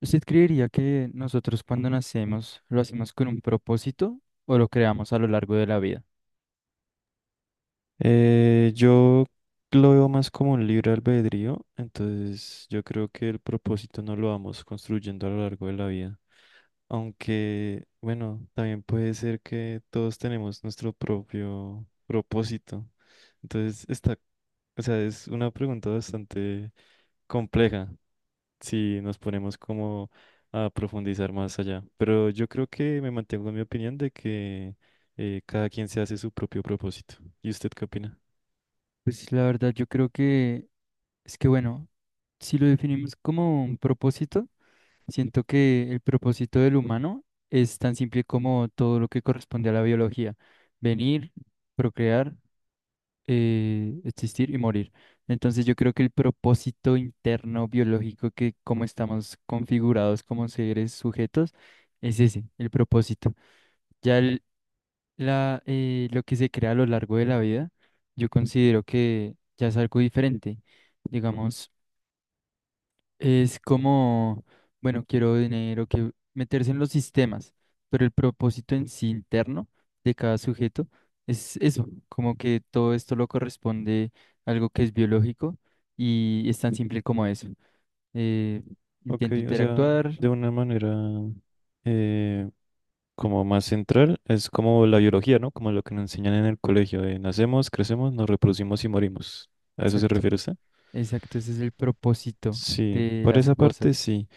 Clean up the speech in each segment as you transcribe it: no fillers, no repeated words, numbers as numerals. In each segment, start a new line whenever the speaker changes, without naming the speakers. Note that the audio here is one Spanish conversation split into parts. ¿Usted creería que nosotros cuando nacemos lo hacemos con un propósito o lo creamos a lo largo de la vida?
Yo lo veo más como un libre albedrío, entonces yo creo que el propósito no lo vamos construyendo a lo largo de la vida. Aunque, bueno, también puede ser que todos tenemos nuestro propio propósito. Entonces está, o sea, es una pregunta bastante compleja si nos ponemos como a profundizar más allá. Pero yo creo que me mantengo en mi opinión de que cada quien se hace su propio propósito. ¿Y usted qué opina?
Pues la verdad yo creo que es que bueno, si lo definimos como un propósito, siento que el propósito del humano es tan simple como todo lo que corresponde a la biología, venir, procrear, existir y morir. Entonces yo creo que el propósito interno biológico que como estamos configurados como seres sujetos es ese, el propósito. Ya el- la lo que se crea a lo largo de la vida, yo considero que ya es algo diferente. Digamos, es como, bueno, quiero dinero, que meterse en los sistemas, pero el propósito en sí interno de cada sujeto es eso, como que todo esto lo corresponde a algo que es biológico y es tan simple como eso. Eh,
Ok,
intento
o sea,
interactuar,
de una manera eh, como más central, es como la biología, ¿no? Como lo que nos enseñan en el colegio, de nacemos, crecemos, nos reproducimos y morimos. ¿A eso se
exacto,
refiere usted?
exacto, ese es el propósito
Sí,
de
por
las
esa
cosas.
parte sí,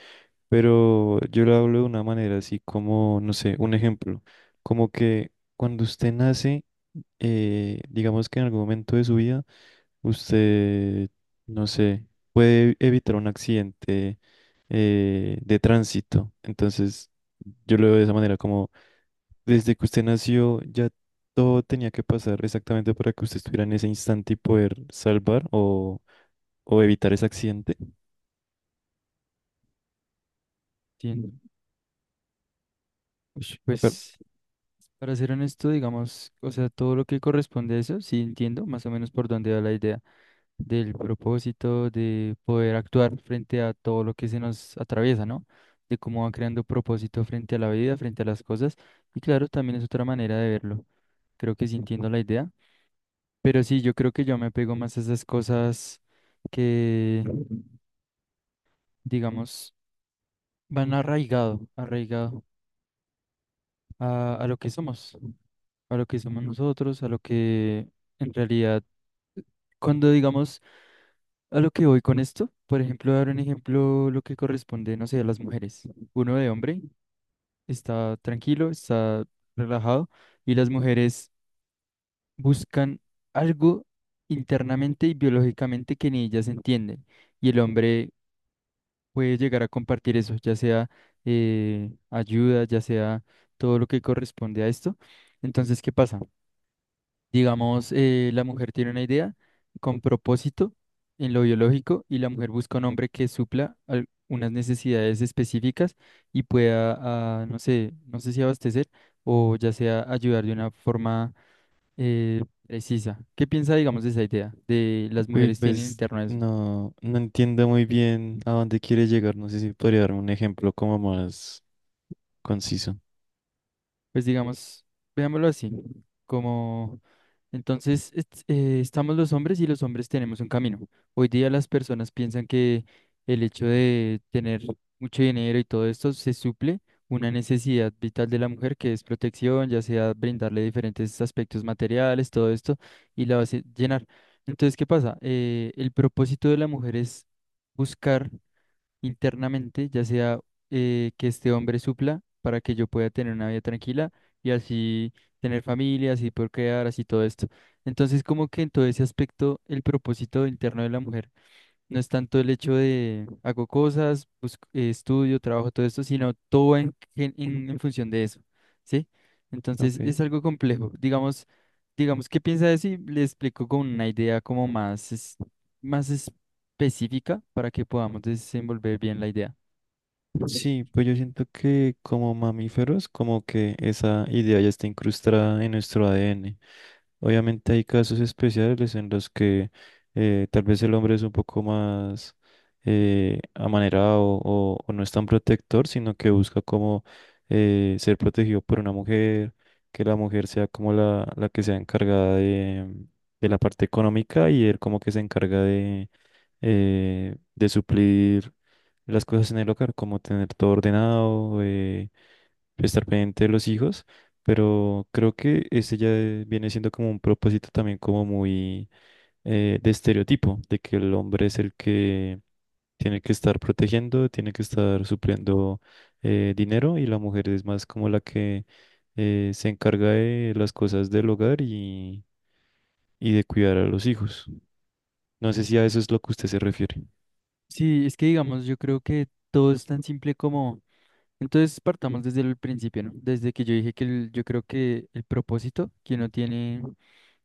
pero yo lo hablo de una manera así como, no sé, un ejemplo, como que cuando usted nace, digamos que en algún momento de su vida, usted, no sé, puede evitar un accidente de tránsito. Entonces, yo lo veo de esa manera, como desde que usted nació, ya todo tenía que pasar exactamente para que usted estuviera en ese instante y poder salvar o evitar ese accidente.
¿Sí? Ush,
Pero,
pues, para ser honesto, digamos, o sea, todo lo que corresponde a eso, sí entiendo más o menos por dónde va la idea del propósito, de poder actuar frente a todo lo que se nos atraviesa, ¿no? De cómo va creando propósito frente a la vida, frente a las cosas. Y claro, también es otra manera de verlo. Creo que sí entiendo la idea. Pero sí, yo creo que yo me apego más a esas cosas que, digamos, van arraigado a lo que somos. A lo que somos nosotros, a lo que en realidad, cuando digamos a lo que voy con esto, por ejemplo, dar un ejemplo, lo que corresponde, no sé, a las mujeres. Uno de hombre está tranquilo, está relajado, y las mujeres buscan algo internamente y biológicamente que ni ellas entienden. Y el hombre puede llegar a compartir eso, ya sea ayuda, ya sea todo lo que corresponde a esto. Entonces, ¿qué pasa? Digamos, la mujer tiene una idea con propósito en lo biológico y la mujer busca un hombre que unas necesidades específicas y pueda, ah, no sé, no sé si abastecer o ya sea ayudar de una forma eh, precisa. ¿Qué piensa, digamos, de esa idea? ¿De las
uy,
mujeres tienen
pues,
interno a eso?
no entiendo muy bien a dónde quiere llegar. No sé si podría darme un ejemplo como más conciso.
Pues digamos, veámoslo así, como entonces estamos los hombres y los hombres tenemos un camino. Hoy día las personas piensan que el hecho de tener mucho dinero y todo esto se suple una necesidad vital de la mujer que es protección, ya sea brindarle diferentes aspectos materiales, todo esto, y la hace llenar. Entonces, ¿qué pasa? El propósito de la mujer es buscar internamente, ya sea que este hombre supla para que yo pueda tener una vida tranquila y así tener familia, así poder crear, así todo esto. Entonces, como que en todo ese aspecto, el propósito interno de la mujer. No es tanto el hecho de hago cosas, estudio, trabajo, todo esto, sino todo en función de eso, ¿sí? Entonces
Ok.
es algo complejo. Digamos, digamos, ¿qué piensa de eso? Y le explico con una idea como más específica para que podamos desenvolver bien la idea.
Sí, pues yo siento que como mamíferos, como que esa idea ya está incrustada en nuestro ADN. Obviamente hay casos especiales en los que tal vez el hombre es un poco más amanerado o no es tan protector, sino que busca como ser protegido por una mujer, que la mujer sea como la que sea encargada de la parte económica y él como que se encarga de suplir las cosas en el hogar, como tener todo ordenado, estar pendiente de los hijos. Pero creo que ese ya viene siendo como un propósito también como muy de estereotipo, de que el hombre es el que tiene que estar protegiendo, tiene que estar supliendo dinero y la mujer es más como la que se encarga de las cosas del hogar y de cuidar a los hijos. No sé si a eso es lo que usted se refiere.
Sí, es que digamos, yo creo que todo es tan simple como... Entonces partamos desde el principio, ¿no? Desde que yo dije que yo creo que el propósito que uno tiene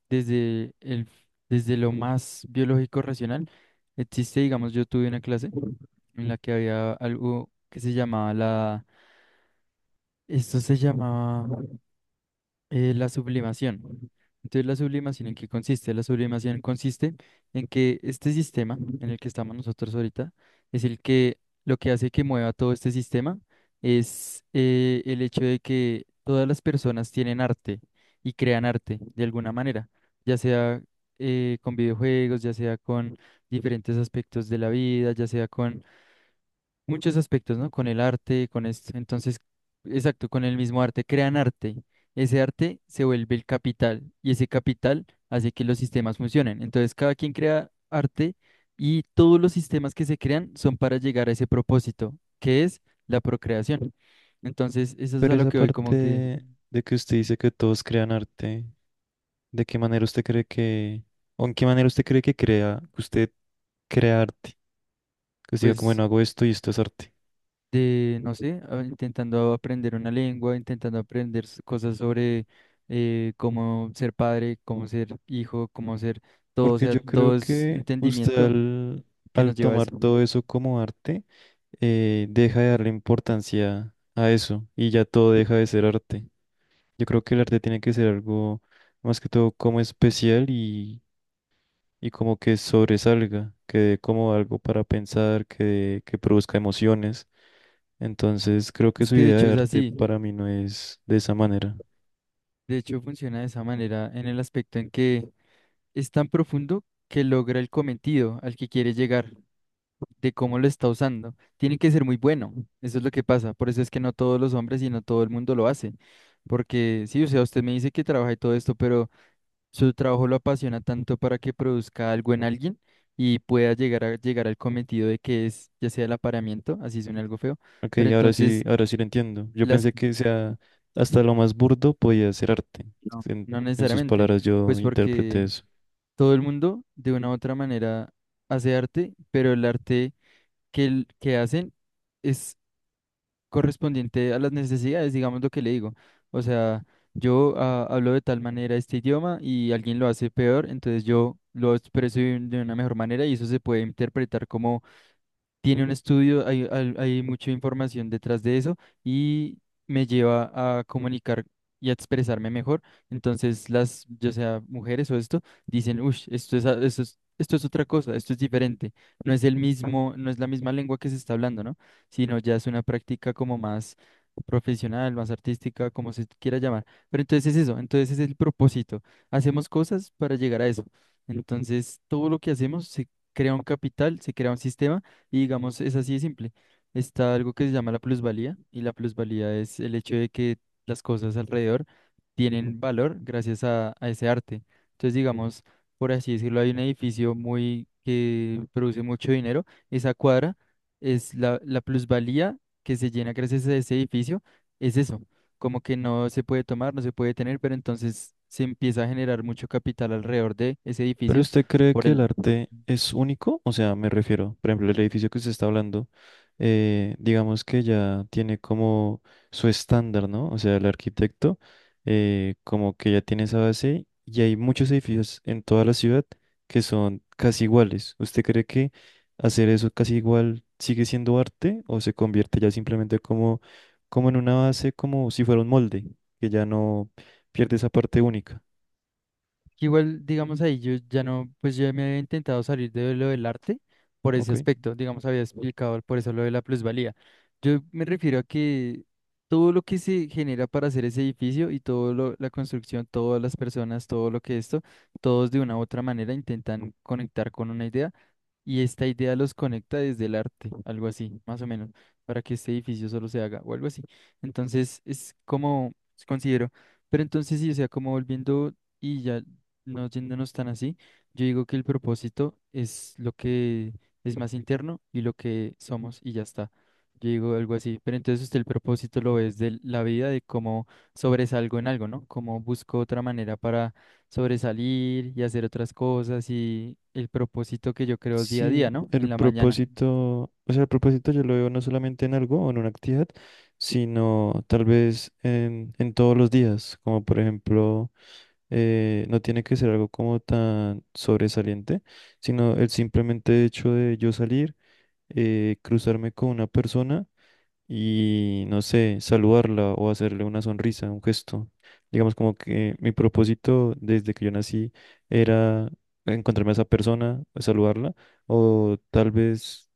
desde el, desde lo más biológico racional existe, digamos, yo tuve una clase en la que había algo que se llamaba la, esto se llamaba la sublimación. Entonces, ¿la sublimación en qué consiste? La sublimación consiste en que este sistema en el que estamos nosotros ahorita es el que lo que hace que mueva todo este sistema es el hecho de que todas las personas tienen arte y crean arte de alguna manera, ya sea con videojuegos, ya sea con diferentes aspectos de la vida, ya sea con muchos aspectos, ¿no? Con el arte, con esto. Entonces, exacto, con el mismo arte, crean arte. Ese arte se vuelve el capital y ese capital hace que los sistemas funcionen. Entonces, cada quien crea arte y todos los sistemas que se crean son para llegar a ese propósito, que es la procreación. Entonces, eso es
Pero
a lo
esa
que hoy como que,
parte de que usted dice que todos crean arte. ¿De qué manera usted cree que, o en qué manera usted cree que crea, que usted crea arte? Que usted diga, como,
pues...
bueno, hago esto y esto es arte.
De, no sé, intentando aprender una lengua, intentando aprender cosas sobre cómo ser padre, cómo ser hijo, cómo ser todo, o
Porque
sea,
yo creo
todo es
que usted
entendimiento que nos
al
lleva a
tomar
eso.
todo eso como arte, deja de darle importancia a eso y ya todo deja de ser arte. Yo creo que el arte tiene que ser algo más que todo como especial y como que sobresalga, que dé como algo para pensar, que produzca emociones. Entonces creo que
Es
su
que de
idea
hecho
de
es
arte
así,
para mí no es de esa manera.
de hecho funciona de esa manera en el aspecto en que es tan profundo que logra el cometido al que quiere llegar, de cómo lo está usando. Tiene que ser muy bueno, eso es lo que pasa, por eso es que no todos los hombres y no todo el mundo lo hace. Porque sí, o sea, usted me dice que trabaja y todo esto, pero su trabajo lo apasiona tanto para que produzca algo en alguien y pueda llegar al cometido de que es, ya sea el apareamiento, así suena algo feo,
Ok,
pero entonces
ahora sí lo entiendo. Yo
las
pensé que sea hasta lo más burdo podía ser arte.
no,
En,
no
en sus
necesariamente,
palabras yo
pues
interpreté
porque
eso.
todo el mundo de una u otra manera hace arte, pero el arte que hacen es correspondiente a las necesidades, digamos lo que le digo. O sea, yo ah, hablo de tal manera este idioma y alguien lo hace peor, entonces yo lo expreso de una mejor manera y eso se puede interpretar como tiene un estudio, hay mucha información detrás de eso y me lleva a comunicar y a expresarme mejor. Entonces, las, ya sea mujeres o esto, dicen, uff, esto es, esto es, esto es otra cosa, esto es diferente. No es el mismo, no es la misma lengua que se está hablando, ¿no? Sino ya es una práctica como más profesional, más artística, como se quiera llamar. Pero entonces es eso, entonces es el propósito. Hacemos cosas para llegar a eso. Entonces, todo lo que hacemos se crea un capital, se crea un sistema y digamos, es así de simple. Está algo que se llama la plusvalía y la plusvalía es el hecho de que las cosas alrededor tienen valor gracias a ese arte. Entonces, digamos, por así decirlo, hay un edificio muy que produce mucho dinero. Esa cuadra es la, la plusvalía que se llena gracias a ese edificio. Es eso, como que no se puede tomar, no se puede tener, pero entonces se empieza a generar mucho capital alrededor de ese
¿Pero
edificio
usted cree
por
que el
el...
arte es único? O sea, me refiero, por ejemplo, el edificio que usted está hablando, digamos que ya tiene como su estándar, ¿no? O sea, el arquitecto, como que ya tiene esa base y hay muchos edificios en toda la ciudad que son casi iguales. ¿Usted cree que hacer eso casi igual sigue siendo arte o se convierte ya simplemente como, como en una base, como si fuera un molde, que ya no pierde esa parte única?
Igual, digamos ahí, yo ya no, pues yo me había intentado salir de lo del arte por ese
Ok.
aspecto, digamos, había explicado por eso lo de la plusvalía. Yo me refiero a que todo lo que se genera para hacer ese edificio y todo lo, la construcción, todas las personas, todo lo que esto, todos de una u otra manera intentan conectar con una idea y esta idea los conecta desde el arte, algo así, más o menos, para que este edificio solo se haga o algo así. Entonces, es como considero. Pero entonces sí, o sea, como volviendo... Y ya no yéndonos tan así, yo digo que el propósito es lo que es más interno y lo que somos y ya está. Yo digo algo así, pero entonces usted el propósito lo es de la vida, de cómo sobresalgo en algo, ¿no? Cómo busco otra manera para sobresalir y hacer otras cosas y el propósito que yo creo día a día,
Sí,
¿no? En
el
la mañana.
propósito, o sea, el propósito yo lo veo no solamente en algo o en una actividad, sino tal vez en todos los días, como por ejemplo, no tiene que ser algo como tan sobresaliente, sino el simplemente hecho de yo salir, cruzarme con una persona y no sé, saludarla o hacerle una sonrisa, un gesto. Digamos como que mi propósito desde que yo nací era encontrarme a esa persona, saludarla, o tal vez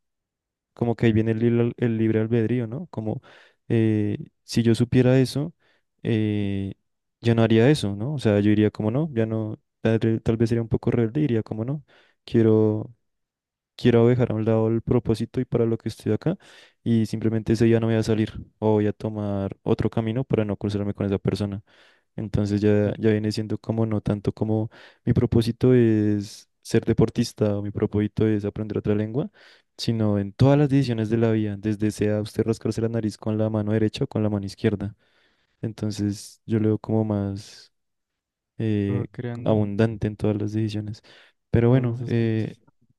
como que ahí viene el, el libre albedrío, ¿no? Como eh, si yo supiera eso, eh, ya no haría eso, ¿no? O sea, yo diría como no, ya no, tal vez sería un poco rebelde, diría como no, quiero quiero dejar a un lado el propósito y para lo que estoy acá y simplemente ese día no voy a salir o voy a tomar otro camino para no cruzarme con esa persona. Entonces ya,
Claro,
ya viene siendo como no tanto como mi propósito es ser deportista o mi propósito es aprender otra lengua, sino en todas las decisiones de la vida, desde sea usted rascarse la nariz con la mano derecha o con la mano izquierda. Entonces yo lo veo como más eh,
lo creando
abundante en todas las decisiones. Pero
todos los
bueno,
aspectos.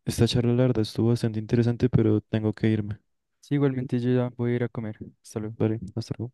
esta charla larga estuvo bastante interesante, pero tengo que irme.
Sí, igualmente yo ya voy a ir a comer. Hasta luego.
Vale, hasta luego.